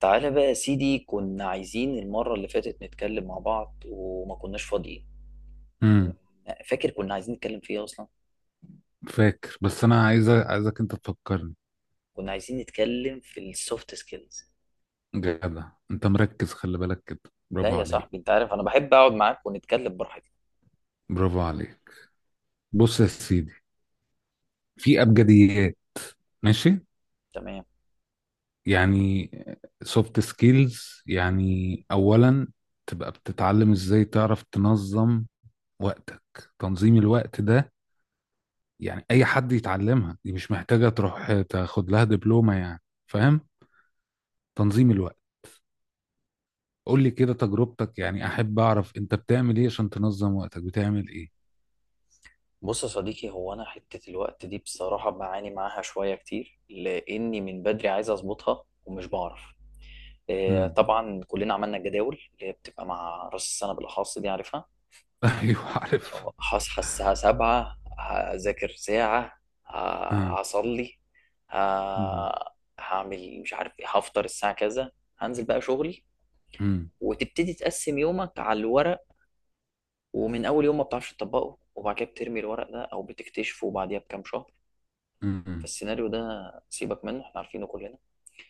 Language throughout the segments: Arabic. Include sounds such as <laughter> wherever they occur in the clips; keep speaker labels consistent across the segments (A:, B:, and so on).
A: تعالى بقى يا سيدي، كنا عايزين المرة اللي فاتت نتكلم مع بعض وما كناش فاضيين.
B: امم
A: فاكر كنا عايزين نتكلم في ايه اصلا.
B: فاكر، بس انا عايزك انت تفكرني.
A: كنا عايزين نتكلم في السوفت سكيلز.
B: جدع، انت مركز، خلي بالك كده.
A: لا
B: برافو
A: يا
B: عليك.
A: صاحبي، انت عارف انا بحب اقعد معاك ونتكلم براحتنا.
B: برافو عليك. بص يا سيدي، في ابجديات. ماشي.
A: تمام.
B: يعني سوفت سكيلز، يعني اولا تبقى بتتعلم ازاي تعرف تنظم وقتك. تنظيم الوقت ده، يعني اي حد يتعلمها، دي مش محتاجة تروح تاخد لها دبلومة يعني. فاهم؟ تنظيم الوقت. قول لي كده تجربتك، يعني احب اعرف انت بتعمل ايه عشان تنظم وقتك، بتعمل ايه؟
A: بص يا صديقي، هو انا حتة الوقت دي بصراحة بعاني معاها شوية كتير، لاني من بدري عايز اظبطها ومش بعرف.
B: امم.
A: طبعا كلنا عملنا الجداول اللي هي بتبقى مع راس السنة، بالاخص دي عارفها.
B: <laughs> ايوه، عارف.
A: هصحى الساعة 7، هذاكر ساعة.
B: اه.
A: هصلي. ه-
B: امم.
A: هعمل مش عارف ايه، هفطر الساعة كذا، هنزل بقى شغلي.
B: امم.
A: وتبتدي تقسم يومك على الورق، ومن أول يوم ما بتعرفش تطبقه، وبعد كده بترمي الورق ده أو بتكتشفه بعديها بكام شهر.
B: امم.
A: فالسيناريو ده سيبك منه، احنا عارفينه كلنا.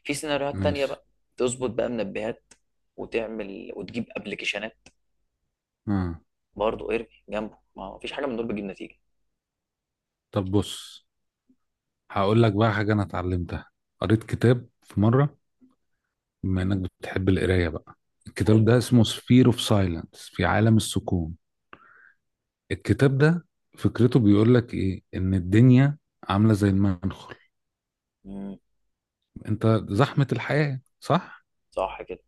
A: في سيناريوهات تانية
B: ماشي.
A: بقى، تظبط بقى منبهات، وتعمل وتجيب ابلكيشنات،
B: اه.
A: برضه ارمي جنبه، ما فيش حاجة من دول بتجيب نتيجة.
B: طب بص، هقول لك بقى حاجه انا اتعلمتها. قريت كتاب في مره، بما انك بتحب القرايه بقى. الكتاب
A: حلو
B: ده
A: أوي.
B: اسمه سفير اوف سايلنس، في عالم السكون. الكتاب ده فكرته، بيقول لك ايه؟ ان الدنيا عامله زي المنخل.
A: مم،
B: انت، زحمه الحياه، صح؟
A: صح كده.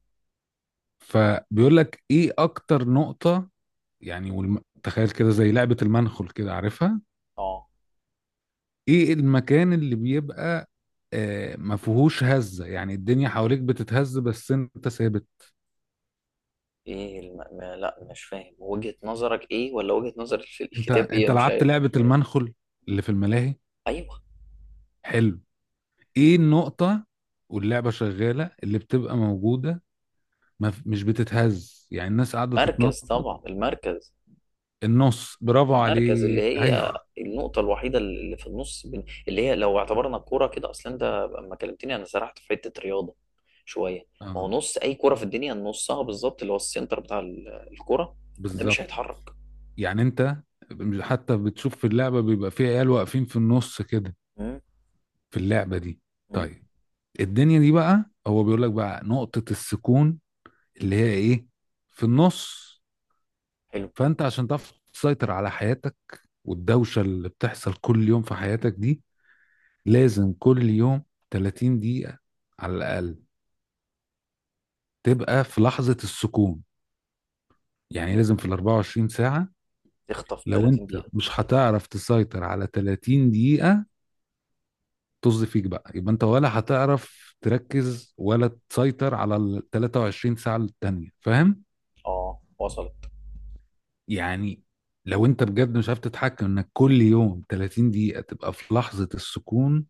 B: فبيقول لك ايه اكتر نقطه، يعني تخيل كده زي لعبه المنخل كده، عارفها؟
A: اه،
B: ايه المكان اللي بيبقى ما فيهوش هزة؟ يعني الدنيا حواليك بتتهز، بس انت ثابت.
A: ايه الم... ما... لا، مش فاهم وجهة نظرك ايه، ولا وجهة نظر
B: انت
A: الكتاب ايه،
B: انت
A: أنا مش
B: لعبت
A: عارف.
B: لعبة المنخل اللي في الملاهي؟
A: ايوه،
B: حلو. ايه النقطة واللعبة شغالة اللي بتبقى موجودة؟ ما ف- مش بتتهز، يعني الناس قاعدة
A: المركز
B: تتنطط.
A: طبعا المركز.
B: النص، برافو
A: المركز اللي
B: عليك. <laughs>
A: هي
B: ايوه.
A: النقطة الوحيدة اللي في النص، اللي هي لو اعتبرنا الكورة كده اصلا. انت لما كلمتني انا سرحت في حتة رياضة شوية. ما هو
B: اه،
A: نص اي كورة في الدنيا نصها بالظبط، اللي هو السنتر بتاع الكورة، ده مش
B: بالظبط.
A: هيتحرك.
B: يعني انت حتى بتشوف في اللعبة بيبقى في عيال واقفين في النص كده،
A: مم.
B: في اللعبة دي.
A: مم.
B: طيب، الدنيا دي بقى هو بيقول لك بقى نقطة السكون، اللي هي ايه؟ في النص.
A: حلو.
B: فانت عشان تعرف تسيطر على حياتك والدوشة اللي بتحصل كل يوم في حياتك دي، لازم كل يوم 30 دقيقة على الأقل تبقى في لحظة السكون. يعني لازم في ال 24 ساعة،
A: تخطف
B: لو
A: 30
B: انت
A: دقيقة.
B: مش هتعرف تسيطر على 30 دقيقة طز فيك بقى، يبقى انت ولا هتعرف تركز ولا تسيطر على ال 23 ساعة التانية. فاهم؟
A: اه وصلت.
B: يعني لو انت بجد مش عارف تتحكم انك كل يوم 30 دقيقة تبقى في لحظة السكون،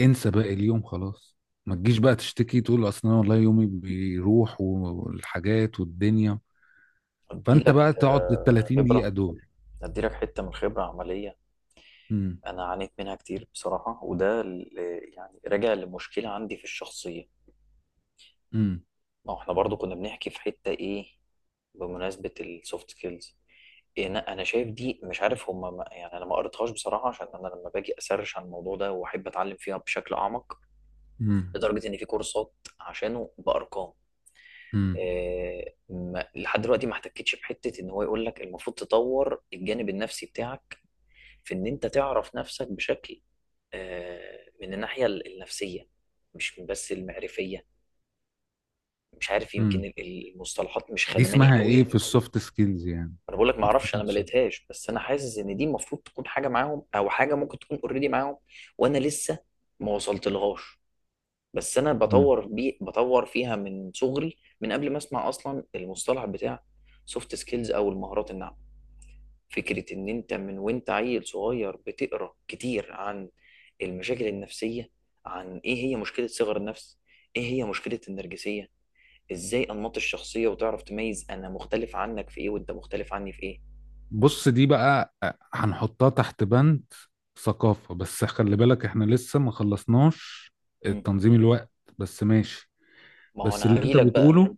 B: انسى باقي اليوم خلاص. ما تجيش بقى تشتكي تقول اصل انا والله يومي بيروح والحاجات والدنيا.
A: ادي
B: فانت
A: لك
B: بقى تقعد ال 30 دقيقة
A: خبرة،
B: دول.
A: ادي لك حتة من خبرة عملية.
B: امم.
A: انا عانيت منها كتير بصراحه، وده يعني راجع لمشكله عندي في الشخصيه.
B: امم.
A: ما هو احنا برضو كنا بنحكي في حته ايه، بمناسبه السوفت سكيلز. انا شايف دي مش عارف هما ما يعني، انا ما قريتهاش بصراحه، عشان انا لما باجي اسرش عن الموضوع ده واحب اتعلم فيها بشكل اعمق،
B: امم.
A: لدرجه ان في كورسات عشانه بارقام. إيه، ما لحد دلوقتي ما احتكتش بحته ان هو يقول لك المفروض تطور الجانب النفسي بتاعك، في ان انت تعرف نفسك بشكل، من الناحية النفسية، مش من بس المعرفية. مش عارف، يمكن
B: امم.
A: المصطلحات مش
B: دي
A: خدماني
B: اسمها
A: قوي.
B: ايه في السوفت سكيلز يعني؟
A: انا بقول لك ما
B: انت
A: اعرفش، انا ما
B: تقصد.
A: لقيتهاش، بس انا حاسس ان دي المفروض تكون حاجة معاهم، او حاجة ممكن تكون اوريدي معاهم. وانا لسه ما وصلت لغاش. بس انا بطور بطور فيها من صغري، من قبل ما اسمع اصلا المصطلح بتاع سوفت سكيلز او المهارات الناعمة. فكرة إن أنت من وأنت عيل صغير بتقرأ كتير عن المشاكل النفسية، عن إيه هي مشكلة صغر النفس، إيه هي مشكلة النرجسية، إزاي أنماط الشخصية، وتعرف تميز أنا مختلف عنك في إيه وأنت مختلف عني في إيه.
B: بص، دي بقى هنحطها تحت بند ثقافة، بس خلي بالك احنا لسه ما خلصناش
A: مم.
B: تنظيم الوقت. بس ماشي.
A: ما هو
B: بس
A: أنا
B: اللي انت
A: هجيلك بقى،
B: بتقوله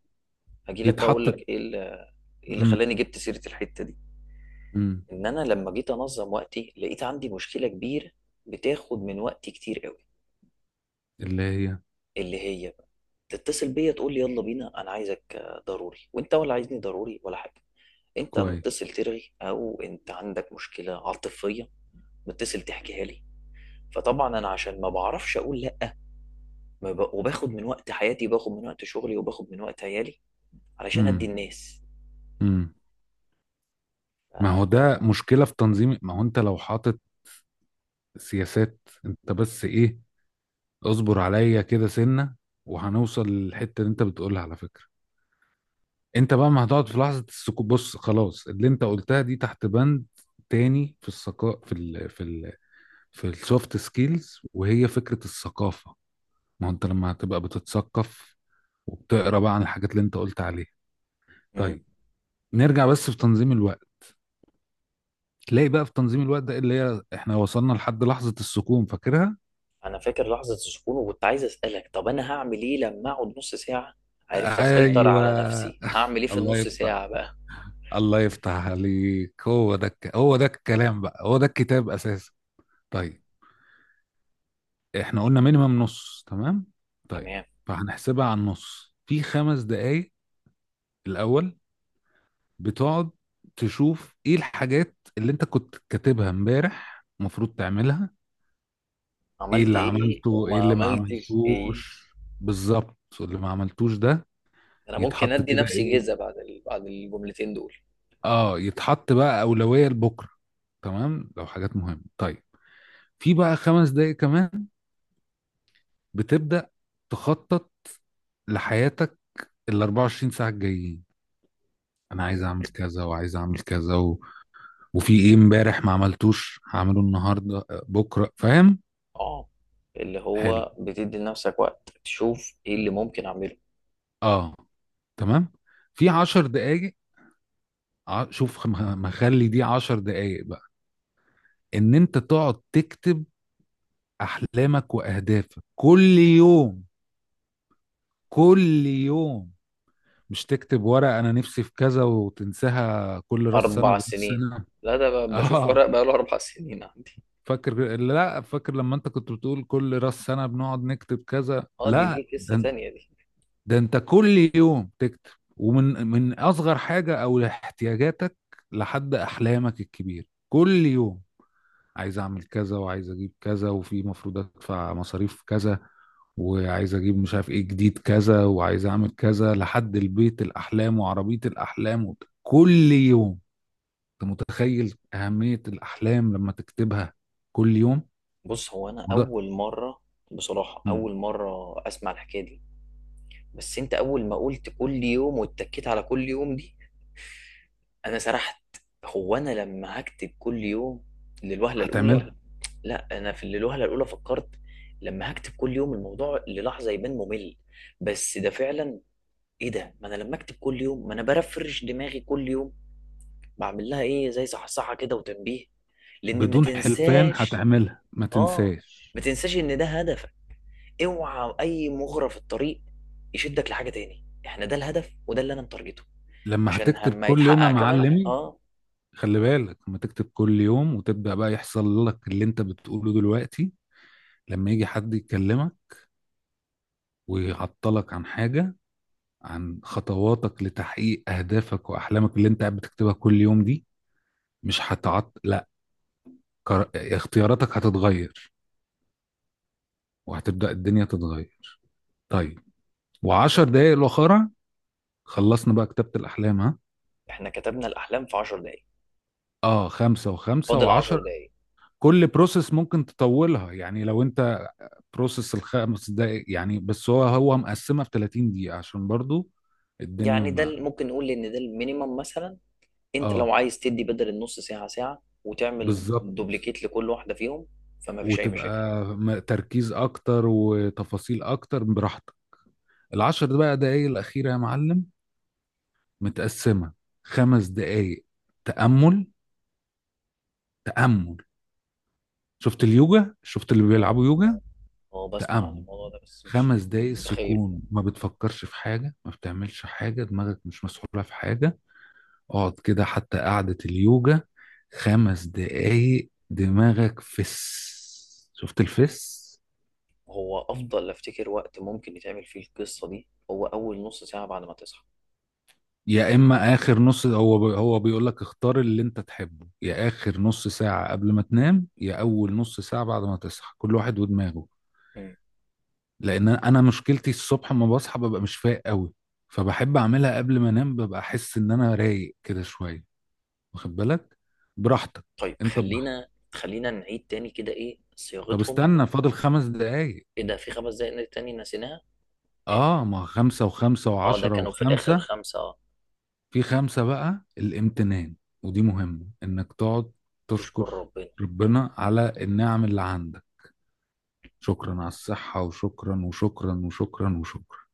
A: هجيلك بقى أقول
B: يتحط.
A: لك إيه اللي، إيه اللي
B: امم.
A: خلاني جبت سيرة الحتة دي.
B: امم.
A: إن أنا لما جيت أنظم وقتي لقيت عندي مشكلة كبيرة بتاخد من وقتي كتير قوي.
B: اللي هي
A: اللي هي بقى، تتصل بيا تقول لي يلا بينا، انا عايزك ضروري، وانت ولا عايزني ضروري ولا حاجه. انت
B: كويس.
A: متصل ترغي، او انت عندك مشكله عاطفيه، متصل تحكيها لي. فطبعا انا عشان ما بعرفش اقول لا، ما ب... وباخد من وقت حياتي، وباخد من وقت شغلي، وباخد من وقت عيالي، علشان ادي
B: امم.
A: الناس.
B: امم. ما
A: ف...
B: هو ده مشكلة في تنظيم، ما هو انت لو حاطط سياسات. انت بس ايه، اصبر عليا كده سنة وهنوصل للحتة اللي انت بتقولها على فكرة. انت بقى ما هتقعد في لحظه السكوت. بص، خلاص، اللي انت قلتها دي تحت بند تاني في الثقافه، في السوفت سكيلز، وهي فكره الثقافه. ما هو انت لما هتبقى بتتثقف وبتقرا بقى عن الحاجات اللي انت قلت عليها.
A: مم.
B: طيب، نرجع بس في تنظيم الوقت. تلاقي بقى في تنظيم الوقت ده، اللي هي احنا وصلنا لحد لحظه السكون، فاكرها؟
A: انا فاكر لحظه السكون، وكنت عايز اسالك، طب انا هعمل ايه لما اقعد نص ساعه عرفت
B: ايوه. <laughs>
A: اسيطر على
B: ايوه.
A: نفسي، هعمل ايه في
B: الله
A: النص
B: يفتح
A: ساعه بقى؟
B: الله يفتح عليك، هو ده الكلام بقى، هو ده الكتاب اساسا. طيب، احنا قلنا مينيمم نص، تمام. طيب،
A: تمام.
B: فهنحسبها على النص في خمس دقايق. الاول بتقعد تشوف ايه الحاجات اللي انت كنت كاتبها امبارح المفروض تعملها، ايه
A: عملت
B: اللي
A: ايه
B: عملته،
A: وما
B: ايه اللي ما
A: عملتش ايه.
B: عملتوش. بالظبط اللي ما عملتوش ده،
A: انا ممكن
B: يتحط
A: ادي
B: كده
A: نفسي جيزه
B: ايه؟
A: بعد بعد الجملتين دول.
B: اه، يتحط بقى اولوية لبكره، تمام، لو حاجات مهمة. طيب، في بقى 5 دقايق كمان بتبدأ تخطط لحياتك ال 24 ساعة الجايين. انا عايز اعمل كذا وعايز اعمل كذا وفي ايه امبارح ما عملتوش هعمله النهارده بكره، فاهم؟
A: اه، اللي
B: حلو.
A: هو بتدي لنفسك وقت تشوف ايه اللي ممكن اعمله.
B: اه، تمام. في 10 دقايق. ع- شوف ما ما خلي دي 10 دقايق بقى، ان انت تقعد تكتب احلامك واهدافك كل يوم كل يوم. مش تكتب ورقة انا نفسي في كذا وتنساها كل راس سنة
A: اربع
B: براس
A: سنين
B: سنة.
A: لا، ده
B: <laughs>
A: بشوف
B: اه.
A: ورق بقاله 4 سنين عندي.
B: فاكر؟ لا، فاكر لما انت كنت بتقول كل راس سنة بنقعد نكتب كذا؟
A: اه، دي
B: لا،
A: دي قصة
B: ده
A: تانية دي.
B: ده انت كل يوم تكتب ومن اصغر حاجه او احتياجاتك لحد احلامك الكبيره كل يوم. عايز اعمل كذا، وعايز اجيب كذا، وفي مفروض ادفع مصاريف كذا، وعايز اجيب مش عارف ايه جديد كذا، وعايز اعمل كذا لحد البيت الاحلام وعربيه الاحلام كل يوم. انت متخيل اهميه الاحلام لما تكتبها كل يوم؟
A: بص، هو انا
B: ما ده.
A: اول مرة بصراحة،
B: مم.
A: اول مرة اسمع الحكاية دي. بس انت اول ما قلت كل يوم، واتكيت على كل يوم دي، انا سرحت. هو انا لما هكتب كل يوم للوهله الاولى،
B: هتعملها.
A: لا انا في الوهله الاولى فكرت لما هكتب كل يوم الموضوع للحظه يبان ممل. بس ده فعلا ايه ده، ما انا لما اكتب كل يوم ما انا برفرش دماغي كل يوم، بعمل لها ايه زي صحصحه كده وتنبيه لان ما
B: بدون حلفان
A: تنساش.
B: هتعملها، ما
A: اه،
B: تنساش.
A: ما تنساش ان ده هدفك، اوعى اي مغرى في الطريق يشدك لحاجه تاني، احنا ده الهدف وده اللي انا متارجته
B: لما
A: عشان
B: هتكتب
A: لما
B: كل يوم يا
A: يتحقق. كمان
B: معلمي،
A: اه.
B: خلي بالك لما تكتب كل يوم وتبدأ بقى يحصل لك اللي انت بتقوله دلوقتي. لما يجي حد يكلمك ويعطلك عن حاجة، عن خطواتك لتحقيق أهدافك وأحلامك اللي انت قاعد بتكتبها كل يوم دي، مش هتعط، لا. اختياراتك هتتغير، وهتبدأ الدنيا تتغير. طيب، وعشر دقايق الأخرى خلصنا بقى كتابة الأحلام. ها.
A: احنا كتبنا الاحلام في 10 دقايق،
B: اه، خمسة وخمسة
A: فاضل 10
B: وعشر.
A: دقايق.
B: كل بروسيس ممكن تطولها يعني، لو انت بروسس ال5 دقايق يعني. بس هو مقسمه في 30 دقيقه عشان برضو الدنيا
A: يعني ده
B: ما.
A: ممكن نقول ان ده المينيمم مثلا. انت لو
B: اه،
A: عايز تدي بدل النص ساعه ساعه، وتعمل
B: بالظبط.
A: دوبليكيت لكل واحده فيهم، فما فيش اي مشاكل.
B: وتبقى تركيز اكتر وتفاصيل اكتر، براحتك. العشر ده بقى دقايق الاخيره يا معلم، متقسمه. 5 دقايق تامل. تامل، شفت اليوجا؟ شفت اللي
A: اه،
B: بيلعبوا يوجا؟
A: بسمع عن
B: تامل،
A: الموضوع ده بس مش
B: 5 دقايق
A: متخيل.
B: سكون، ما بتفكرش في حاجه، ما بتعملش حاجه، دماغك مش مسحوله في حاجه. اقعد كده حتى قعدة اليوجا، 5 دقايق دماغك فس. شفت الفس؟
A: هو افضل افتكر وقت ممكن يتعمل فيه القصه دي هو اول نص ساعه بعد ما تصحى.
B: يا اما اخر نص، هو بيقول لك اختار اللي انت تحبه، يا اخر نص ساعة قبل ما تنام يا اول نص ساعة بعد ما تصحى، كل واحد ودماغه.
A: مم.
B: لان انا مشكلتي الصبح ما بصحى ببقى مش فايق قوي، فبحب اعملها قبل ما انام، ببقى احس ان انا رايق كده شوية، واخد بالك؟ براحتك.
A: طيب
B: انت براحتك.
A: خلينا نعيد تاني كده ايه
B: طب
A: صياغتهم.
B: استنى، فاضل 5 دقايق.
A: ايه ده، في 5 دقايق تاني نسيناها. ماشي.
B: اه، ما خمسة وخمسة
A: اه، ده
B: وعشرة
A: كانوا في الاخر
B: وخمسة.
A: خمسه اه.
B: في خمسة بقى الامتنان، ودي مهمة، انك تقعد
A: تشكر
B: تشكر
A: ربنا.
B: ربنا على النعم اللي عندك، شكرا على الصحة وشكرا وشكرا وشكرا وشكرا.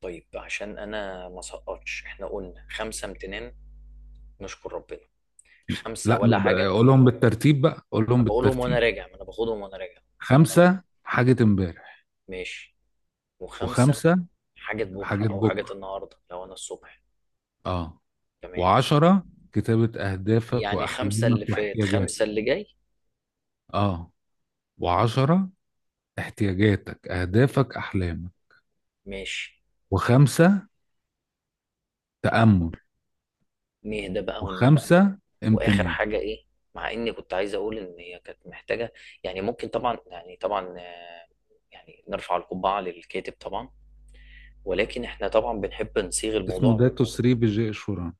A: طيب عشان انا ما سقطش، احنا قلنا خمسه امتنان، نشكر ربنا. خمسه
B: لا،
A: ولا حاجه.
B: قولهم بالترتيب بقى، قولهم
A: انا بقولهم وانا
B: بالترتيب.
A: راجع، ما انا باخدهم وانا راجع.
B: خمسة حاجة امبارح،
A: ماشي. وخمسه
B: وخمسة
A: حاجه بكره
B: حاجات
A: او حاجه
B: بكرة.
A: النهارده لو انا الصبح.
B: اه.
A: تمام.
B: وعشرة كتابة أهدافك
A: يعني خمسه اللي
B: وأحلامك
A: فات
B: واحتياجاتك.
A: خمسه اللي جاي.
B: اه، وعشرة احتياجاتك أهدافك أحلامك،
A: ماشي.
B: وخمسة تأمل،
A: نهدى بقى
B: وخمسة
A: واخر
B: امتنان.
A: حاجه ايه. مع اني كنت عايز اقول ان هي كانت محتاجه، يعني ممكن طبعا، يعني طبعا يعني نرفع القبعه للكاتب طبعا، ولكن احنا طبعا بنحب نصيغ
B: اسمه
A: الموضوع.
B: داتو سري بجي شوران،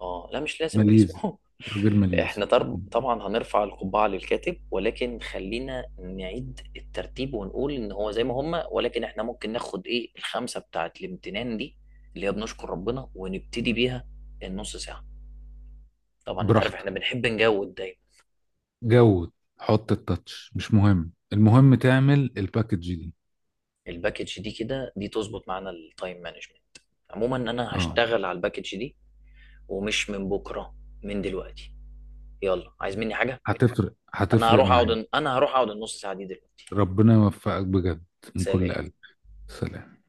A: اه لا، مش لازم
B: ماليزي،
A: اسمه
B: راجل
A: <laughs>
B: ماليزي.
A: احنا طبعا هنرفع القبعة للكاتب، ولكن خلينا نعيد الترتيب ونقول ان هو زي ما هما، ولكن احنا ممكن ناخد ايه الخمسة بتاعت الامتنان دي اللي هي بنشكر ربنا، ونبتدي بيها النص ساعة. طبعا انت عارف
B: براحتك.
A: احنا بنحب نجود دايما.
B: جود، حط التاتش، مش مهم، المهم تعمل الباكج دي.
A: الباكج دي كده دي تظبط معانا التايم مانجمنت. عموما انا
B: اه،
A: هشتغل على الباكج دي، ومش من بكرة، من دلوقتي. يلا، عايز مني حاجة؟
B: هتفرق
A: انا
B: هتفرق
A: هروح
B: معايا.
A: اقعد، انا هروح اقعد النص ساعة دي دلوقتي.
B: ربنا يوفقك بجد، من كل
A: سلام.
B: قلب. سلام.